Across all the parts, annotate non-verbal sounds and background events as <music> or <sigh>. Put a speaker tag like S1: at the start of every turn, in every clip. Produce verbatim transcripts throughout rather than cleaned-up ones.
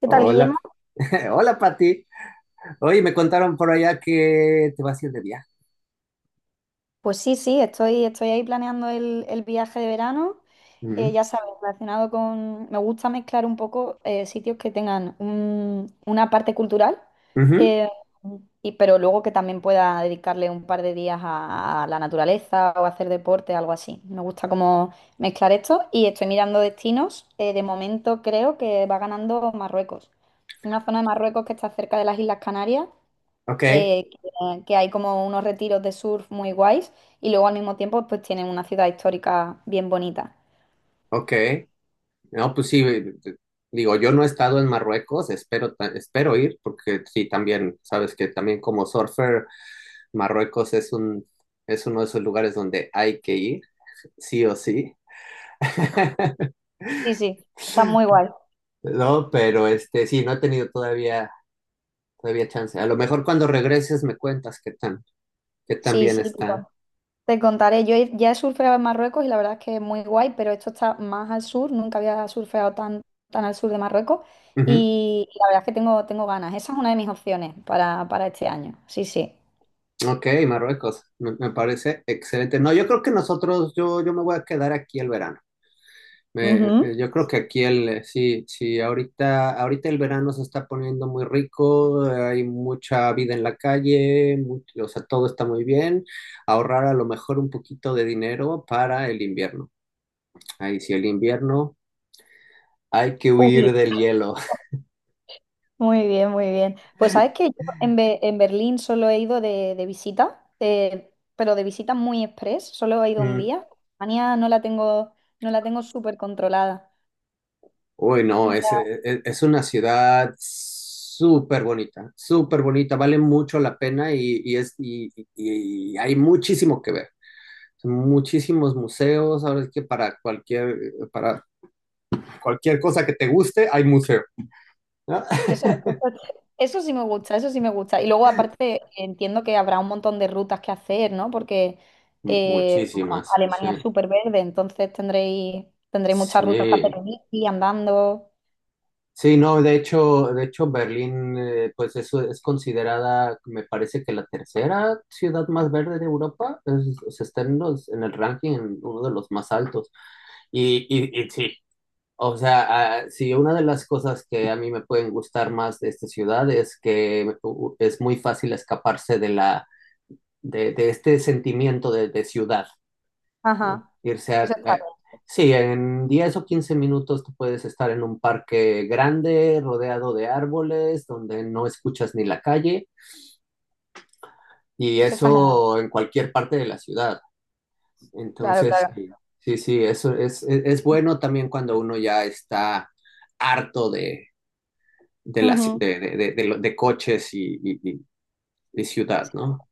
S1: ¿Qué tal, Guillermo?
S2: Hola, <laughs> hola Pati. Oye, me contaron por allá que te vas a ir de viaje.
S1: Pues sí, sí, estoy, estoy ahí planeando el, el viaje de verano.
S2: Ujú,
S1: Eh, ya sabes, relacionado con... Me gusta mezclar un poco eh, sitios que tengan un- una parte cultural,
S2: ujú.
S1: eh, y, pero luego que también pueda dedicarle un par de días a, a la naturaleza o hacer deporte, algo así. Me gusta como mezclar esto y estoy mirando destinos. Eh, de momento creo que va ganando Marruecos. Una zona de Marruecos que está cerca de las Islas Canarias
S2: Ok,
S1: eh, que, que hay como unos retiros de surf muy guays y luego al mismo tiempo pues tienen una ciudad histórica bien bonita.
S2: ok. No, pues sí, eh, eh, digo, yo no he estado en Marruecos, espero, ta- espero ir, porque sí, también, sabes que también como surfer. Marruecos es un, es uno de esos lugares donde hay que ir, sí o sí. <laughs>
S1: Sí, sí, está muy guay.
S2: No, pero este, sí, no he tenido todavía, todavía chance. A lo mejor cuando regreses me cuentas qué tan, qué tan
S1: Sí,
S2: bien
S1: sí, te, con-
S2: está.
S1: te contaré. Yo he- ya he surfeado en Marruecos y la verdad es que es muy guay, pero esto está más al sur, nunca había surfeado tan, tan al sur de Marruecos y, la verdad es que tengo, tengo ganas. Esa es una de mis opciones para, para este año. Sí, sí.
S2: Ok, Marruecos, me, me parece excelente. No, yo creo que nosotros, yo, yo me voy a quedar aquí el verano. Me-
S1: Ujú.
S2: eh, yo creo que aquí el, eh, sí, sí, ahorita, ahorita el verano se está poniendo muy rico, hay mucha vida en la calle, mu- o sea, todo está muy bien. Ahorrar a lo mejor un poquito de dinero para el invierno. Ahí sí, el invierno hay que huir
S1: Uy.
S2: del hielo.
S1: Muy bien, muy bien. Pues sabes que yo en, Be- en Berlín solo he ido de, de visita, eh, pero de visita muy express, solo he ido un
S2: <laughs>
S1: día. Alemania no la tengo, no la tengo súper controlada.
S2: Uy, no,
S1: No
S2: es,
S1: la-
S2: es, es una ciudad súper bonita, súper bonita, vale mucho la pena y, y es, y, y- y hay muchísimo que ver. Muchísimos museos, ahora es que para cualquier, para cualquier cosa que te guste, hay museo, ¿no?
S1: Eso, eso- eso sí me gusta, eso sí me gusta. Y luego aparte entiendo que habrá un montón de rutas que hacer, ¿no? Porque
S2: <laughs>
S1: eh, bueno,
S2: Muchísimas, sí.
S1: Alemania es súper verde, entonces tendréis, tendréis muchas rutas para hacer
S2: Sí.
S1: en bici, andando.
S2: Sí, no, de hecho, de hecho Berlín, eh, pues eso es considerada, me parece que la tercera ciudad más verde de Europa, es- se está en los- en el ranking, en uno de los más altos. Y, y, y sí, o sea, ah, sí, una de las cosas que a mí me pueden gustar más de esta ciudad es que u- u- es muy fácil escaparse de la, de, de este sentimiento de, de ciudad. ¿No?
S1: Ajá,
S2: Irse
S1: eso
S2: a...
S1: está
S2: eh,
S1: bien,
S2: sí, en diez o quince minutos tú puedes estar en un parque grande, rodeado de árboles, donde no escuchas ni la calle, y
S1: eso está genial.
S2: eso en cualquier parte de la ciudad.
S1: Claro,
S2: Entonces,
S1: claro.
S2: sí, sí, sí, eso es, es, es bueno también cuando uno ya está harto de, de, la ci-
S1: Ujú.
S2: de, de, de- de lo- de coches y, y- y- y ciudad, ¿no?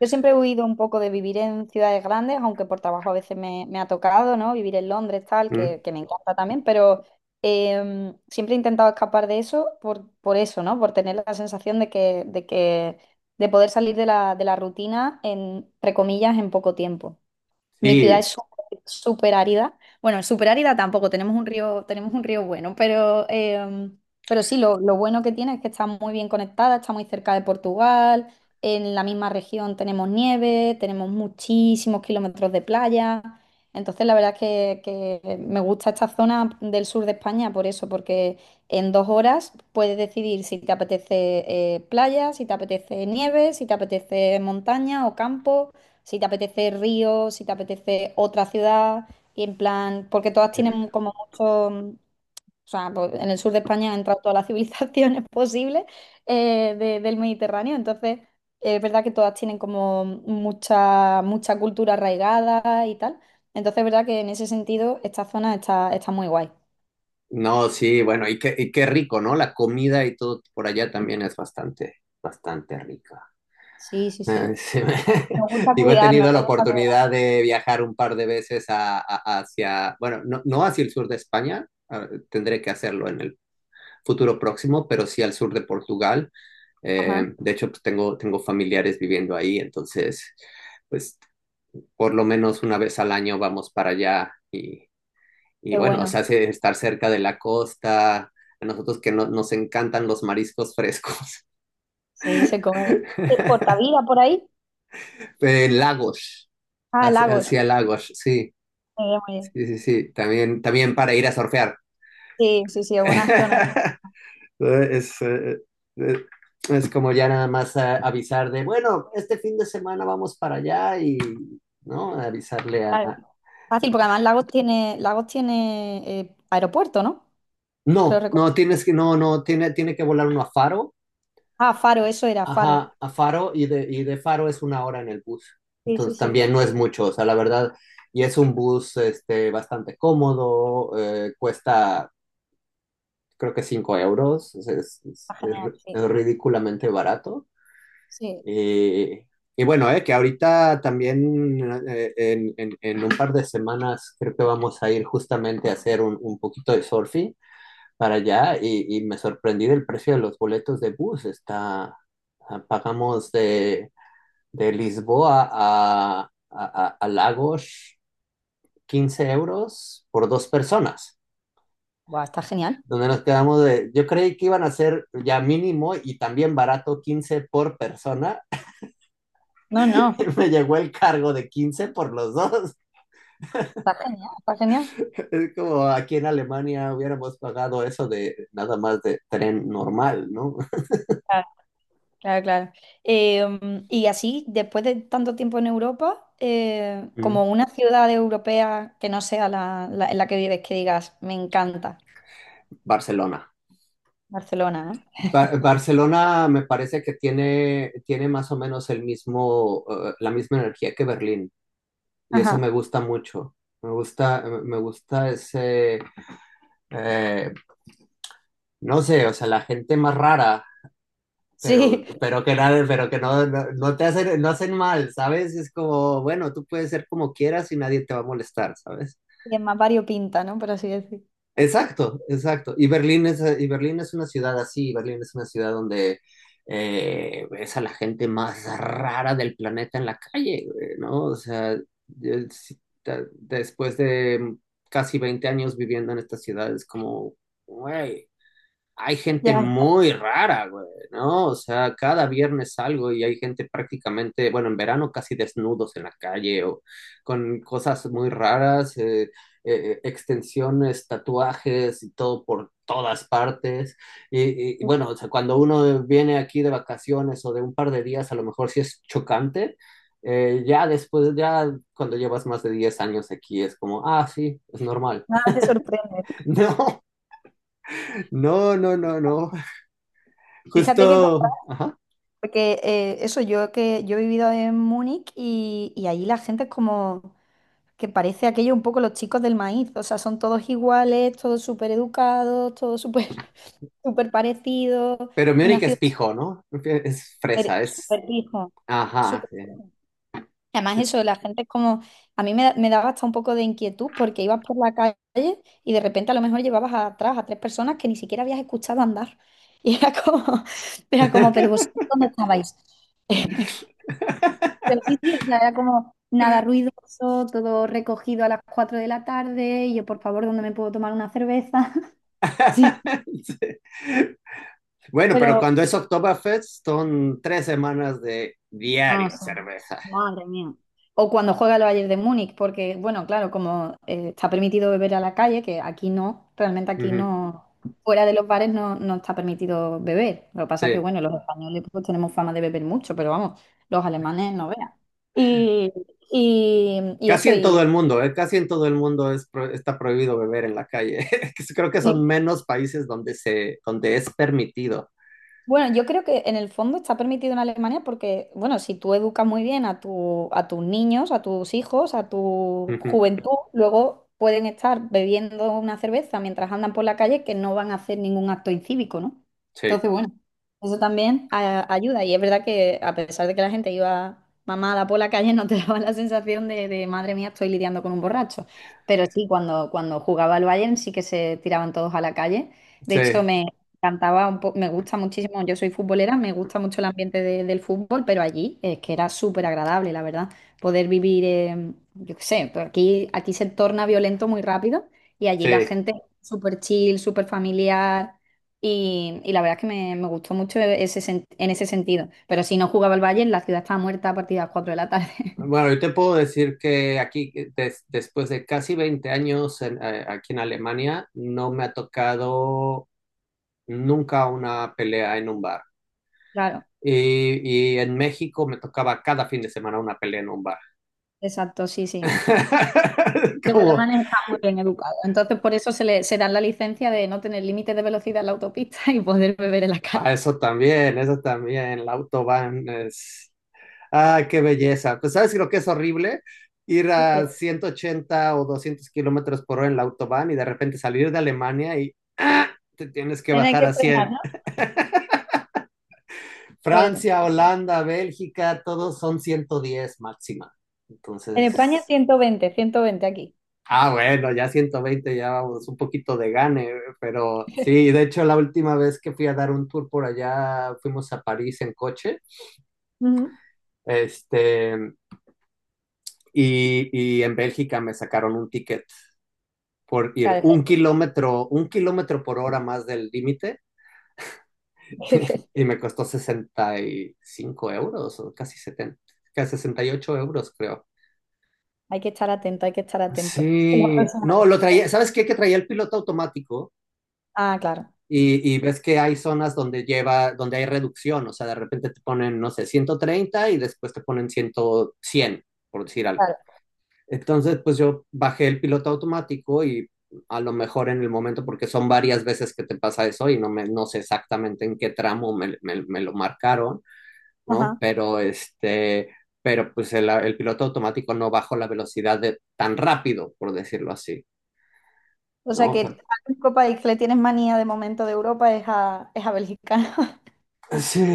S1: Yo siempre he huido un poco de vivir en ciudades grandes, aunque por trabajo a veces me, me ha tocado, ¿no? Vivir en Londres, tal,
S2: Mm.
S1: que, que me encanta también, pero em, siempre he intentado escapar de eso por, por eso, ¿no? Por tener la sensación de que, de que, de poder salir de la, de la rutina en, entre comillas, en poco tiempo. Mi ciudad
S2: Sí.
S1: es súper súper árida. Bueno, súper árida tampoco, tenemos un río, tenemos un río bueno, pero, eh, pero sí, lo, lo bueno que tiene es que está muy bien conectada, está muy cerca de Portugal, en la misma región tenemos nieve, tenemos muchísimos kilómetros de playa. Entonces, la verdad es que, que me gusta esta zona del sur de España por eso, porque en dos horas puedes decidir si te apetece eh, playa, si te apetece nieve, si te apetece montaña o campo. Si te apetece Río, si te apetece otra ciudad, y en plan, porque todas tienen como mucho, mm, o sea, pues, en el sur de España han entrado todas las <laughs> civilizaciones posibles eh, de- del Mediterráneo, entonces eh, es verdad que todas tienen como mucha, mucha cultura arraigada y tal, entonces es verdad que en ese sentido esta zona está, está muy guay.
S2: No, sí, bueno, y qué, y qué rico, ¿no? La comida y todo por allá también es bastante, bastante rica.
S1: Sí, sí,
S2: Ah,
S1: sí.
S2: sí,
S1: Nos gusta
S2: <laughs> digo, he
S1: cuidarnos,
S2: tenido la
S1: nos gusta cuidarnos.
S2: oportunidad de viajar un par de veces a- a- hacia, bueno, no, no hacia el sur de España, ah, tendré que hacerlo en el futuro próximo, pero sí al sur de Portugal.
S1: Ajá,
S2: Eh, de hecho, pues tengo, tengo familiares viviendo ahí. Entonces, pues por lo menos una vez al año vamos para allá y
S1: qué
S2: bueno, o
S1: bueno.
S2: sea, hace estar cerca de la costa, a nosotros que no, nos encantan los mariscos frescos. <laughs>
S1: Sí, se come. ¿Portavila por ahí?
S2: Eh, lagos,
S1: Ah,
S2: hacia,
S1: Lagos.
S2: hacia lagos, sí,
S1: Muy muy bien.
S2: sí, sí, sí, también, también para ir a surfear.
S1: Sí, sí, sí, es buena zona.
S2: <laughs> Es, eh, eh, es como ya nada más a- avisar de, bueno, este fin de semana vamos para allá y, ¿no? Avisarle a...
S1: Claro.
S2: a-
S1: Fácil, porque además Lagos tiene, Lagos tiene eh, aeropuerto, ¿no? Creo
S2: No,
S1: recordar.
S2: no, tienes que, no, no, tiene, tiene que volar uno a Faro.
S1: Ah, Faro, eso era Faro.
S2: Ajá, a Faro y de, y de Faro es una hora en el bus.
S1: Sí, sí,
S2: Entonces
S1: sí.
S2: también no es mucho, o sea, la verdad, y es un bus este, bastante cómodo, eh, cuesta creo que cinco euros, es, es-
S1: Está
S2: es- es
S1: genial,
S2: ri- es
S1: sí.
S2: ridículamente barato.
S1: Sí.
S2: Eh, y bueno, eh, que ahorita también eh, en, en- en un par de semanas creo que vamos a ir justamente a hacer un, un poquito de surfing para allá y, y me sorprendí del precio de los boletos de bus, está, ah, pagamos de... De Lisboa a, a, a- Lagos, quince euros por dos personas.
S1: Buah, está genial.
S2: Donde nos quedamos de, yo creí que iban a ser ya mínimo y también barato quince por persona.
S1: No,
S2: <laughs>
S1: no,
S2: Y me llegó el cargo de quince por los dos.
S1: está genial, está genial.
S2: Es como aquí en Alemania hubiéramos pagado eso de nada más de tren normal, ¿no?
S1: Claro, claro, claro. Eh, mm, y así, después de tanto tiempo en Europa, eh,
S2: Mm.
S1: como una ciudad europea que no sea la, la- en la que vives, que digas, me encanta
S2: Barcelona.
S1: Barcelona, ¿no?
S2: Ba- Barcelona me parece que tiene, tiene más o menos el mismo, eh, la misma energía que Berlín, y eso me
S1: Ajá. <laughs>
S2: gusta mucho. Me gusta, me gusta ese, eh, no sé, o sea, la gente más rara, pero,
S1: Sí,
S2: pero que nada, pero que no, no, no te hacen, no hacen mal, ¿sabes? Es como, bueno, tú puedes ser como quieras y nadie te va a molestar, ¿sabes?
S1: y es más variopinta, ¿no? Por así decir.
S2: Exacto, exacto. Y Berlín es, y Berlín es una ciudad así, Berlín es una ciudad donde eh, ves a la gente más rara del planeta en la calle, güey, ¿no? O sea, yo sí, ta- después de casi veinte años viviendo en esta ciudad, es como, güey, hay gente
S1: Ya.
S2: muy rara, güey, ¿no? O sea, cada viernes salgo y hay gente prácticamente, bueno, en verano casi desnudos en la calle o con cosas muy raras, eh, eh, eh, extensiones, tatuajes y todo por todas partes. Y, y, y bueno, o sea, cuando uno viene aquí de vacaciones o de un par de días, a lo mejor sí es chocante. Eh, ya después, ya cuando llevas más de diez años aquí, es como, ah, sí, es normal.
S1: Nada te sorprende.
S2: <laughs> No, no, no, no, no.
S1: Fíjate que contraste,
S2: Justo, ajá.
S1: porque eh, eso, yo que yo he vivido en Múnich y, y allí la gente es como que parece aquello un poco los chicos del maíz. O sea, son todos iguales, todos súper educados, todos súper <laughs> súper parecidos.
S2: Pero mi
S1: Una
S2: es
S1: ciudad
S2: pijo, ¿no? Es
S1: súper
S2: fresa, es.
S1: súper pija.
S2: Ajá, sí,
S1: Además,
S2: sí.
S1: eso, la gente es como, a mí me, da- me daba hasta un poco de inquietud porque ibas por la calle y de repente a lo mejor llevabas atrás a tres personas que ni siquiera habías escuchado andar. <laughs> Y era como, <laughs> era como, pero
S2: <laughs>
S1: vosotros, ¿dónde estabais? <laughs> Pero sí, sí, o sea, era como nada ruidoso, todo recogido a las cuatro de la tarde y yo, por favor, ¿dónde me puedo tomar una cerveza? <laughs> Sí,
S2: Sí. Bueno, pero
S1: pero...
S2: cuando es Oktoberfest son tres semanas de
S1: No,
S2: diario cerveza.
S1: madre mía. O cuando juega el Bayern de Múnich, porque, bueno, claro, como eh, está permitido beber a la calle, que aquí no, realmente aquí
S2: Ujú,
S1: no, fuera de los bares no, no está permitido beber. Lo que pasa que,
S2: sí.
S1: bueno, los españoles pues tenemos fama de beber mucho, pero vamos, los alemanes no vean. Y, y, y
S2: Casi
S1: eso,
S2: en
S1: y,
S2: todo el mundo, ¿eh? Casi en todo el mundo es pro- está prohibido beber en la calle. <laughs> Creo que son menos países donde se, donde es permitido.
S1: bueno, yo creo que en el fondo está permitido en Alemania porque, bueno, si tú educas muy bien a tu, a tus niños, a tus hijos, a tu
S2: Ujú.
S1: juventud, luego pueden estar bebiendo una cerveza mientras andan por la calle que no van a hacer ningún acto incívico, ¿no?
S2: Sí,
S1: Entonces, bueno, eso también a- ayuda. Y es verdad que a pesar de que la gente iba mamada por la calle, no te <laughs> daba la sensación de, de, madre mía, estoy lidiando con un borracho. Pero sí, cuando, cuando jugaba al Bayern sí que se tiraban todos a la calle. De hecho,
S2: sí,
S1: cantaba un po- me gusta muchísimo, yo soy futbolera, me gusta mucho el ambiente de- del fútbol, pero allí es que era súper agradable, la verdad, poder vivir, eh, yo qué sé, pues aquí, aquí se torna violento muy rápido y allí la
S2: sí.
S1: gente es súper chill, súper familiar y, y la verdad es que me, me gustó mucho ese, sen- en ese sentido, pero si no jugaba el Bayern, la ciudad estaba muerta a partir de las cuatro de la tarde. <laughs>
S2: Bueno, yo te puedo decir que aquí, eh, des- después de casi veinte años en- eh, aquí en Alemania, no me ha tocado nunca una pelea en un bar.
S1: Claro,
S2: Y, y en México me tocaba cada fin de semana una pelea en un bar.
S1: exacto, sí, sí.
S2: <laughs>
S1: Que los
S2: Como,
S1: alemanes están muy bien educados. Entonces, por eso se le, se dan la licencia de no tener límites de velocidad en la autopista <laughs> y poder beber en la
S2: ah,
S1: calle.
S2: eso también, eso también, la autobahn es. Ah, qué belleza. Pues sabes lo que es horrible ir
S1: Sí.
S2: a ciento ochenta o doscientos kilómetros por hora en la autobahn y de repente salir de Alemania y te tienes que
S1: Tener
S2: bajar
S1: que
S2: a
S1: frenar,
S2: cien.
S1: ¿no? Bueno,
S2: Francia, Holanda, Bélgica, todos son ciento diez máxima.
S1: en España
S2: Entonces,
S1: ciento veinte, ciento veinte aquí.
S2: ah, bueno, ya ciento veinte ya vamos un poquito de gane, pero sí, de hecho la última vez que fui a dar un tour por allá, fuimos a París en coche,
S1: Ujú.
S2: este, y, y en Bélgica me sacaron un ticket por ir
S1: Claro,
S2: un kilómetro, un kilómetro por hora más del límite y
S1: <laughs>
S2: me costó sesenta y cinco euros o casi setenta, casi sesenta y ocho euros creo.
S1: hay que estar atento, hay que estar atento. La
S2: Sí,
S1: próxima
S2: no,
S1: vez.
S2: lo traía, ¿sabes qué? Que traía el piloto automático
S1: Ah, claro,
S2: y, y ves que hay zonas donde lleva, donde hay reducción, o sea, de repente te ponen, no sé, ciento treinta y después te ponen cien, cien, por decir algo.
S1: claro.
S2: Entonces, pues yo bajé el piloto automático y a lo mejor en el momento, porque son varias veces que te pasa eso y no, me, no sé exactamente en qué tramo me, me, me lo marcaron, ¿no?
S1: Ajá.
S2: Pero este, pero pues el, el piloto automático no bajó la velocidad de, tan rápido, por decirlo así.
S1: O sea
S2: ¿No? O
S1: que
S2: sea.
S1: al único país que le tienes manía de momento de Europa es a, es a Bélgica. <laughs>
S2: Sí,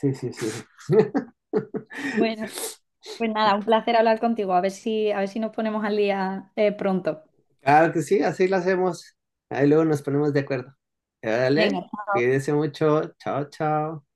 S2: sí, sí, sí.
S1: Bueno,
S2: <laughs>
S1: pues nada, un placer hablar contigo. A ver si, a ver si nos ponemos al día eh, pronto.
S2: Claro que sí, así lo hacemos. Ahí luego nos ponemos de acuerdo.
S1: Venga,
S2: Dale, cuídense mucho. Chao, chao.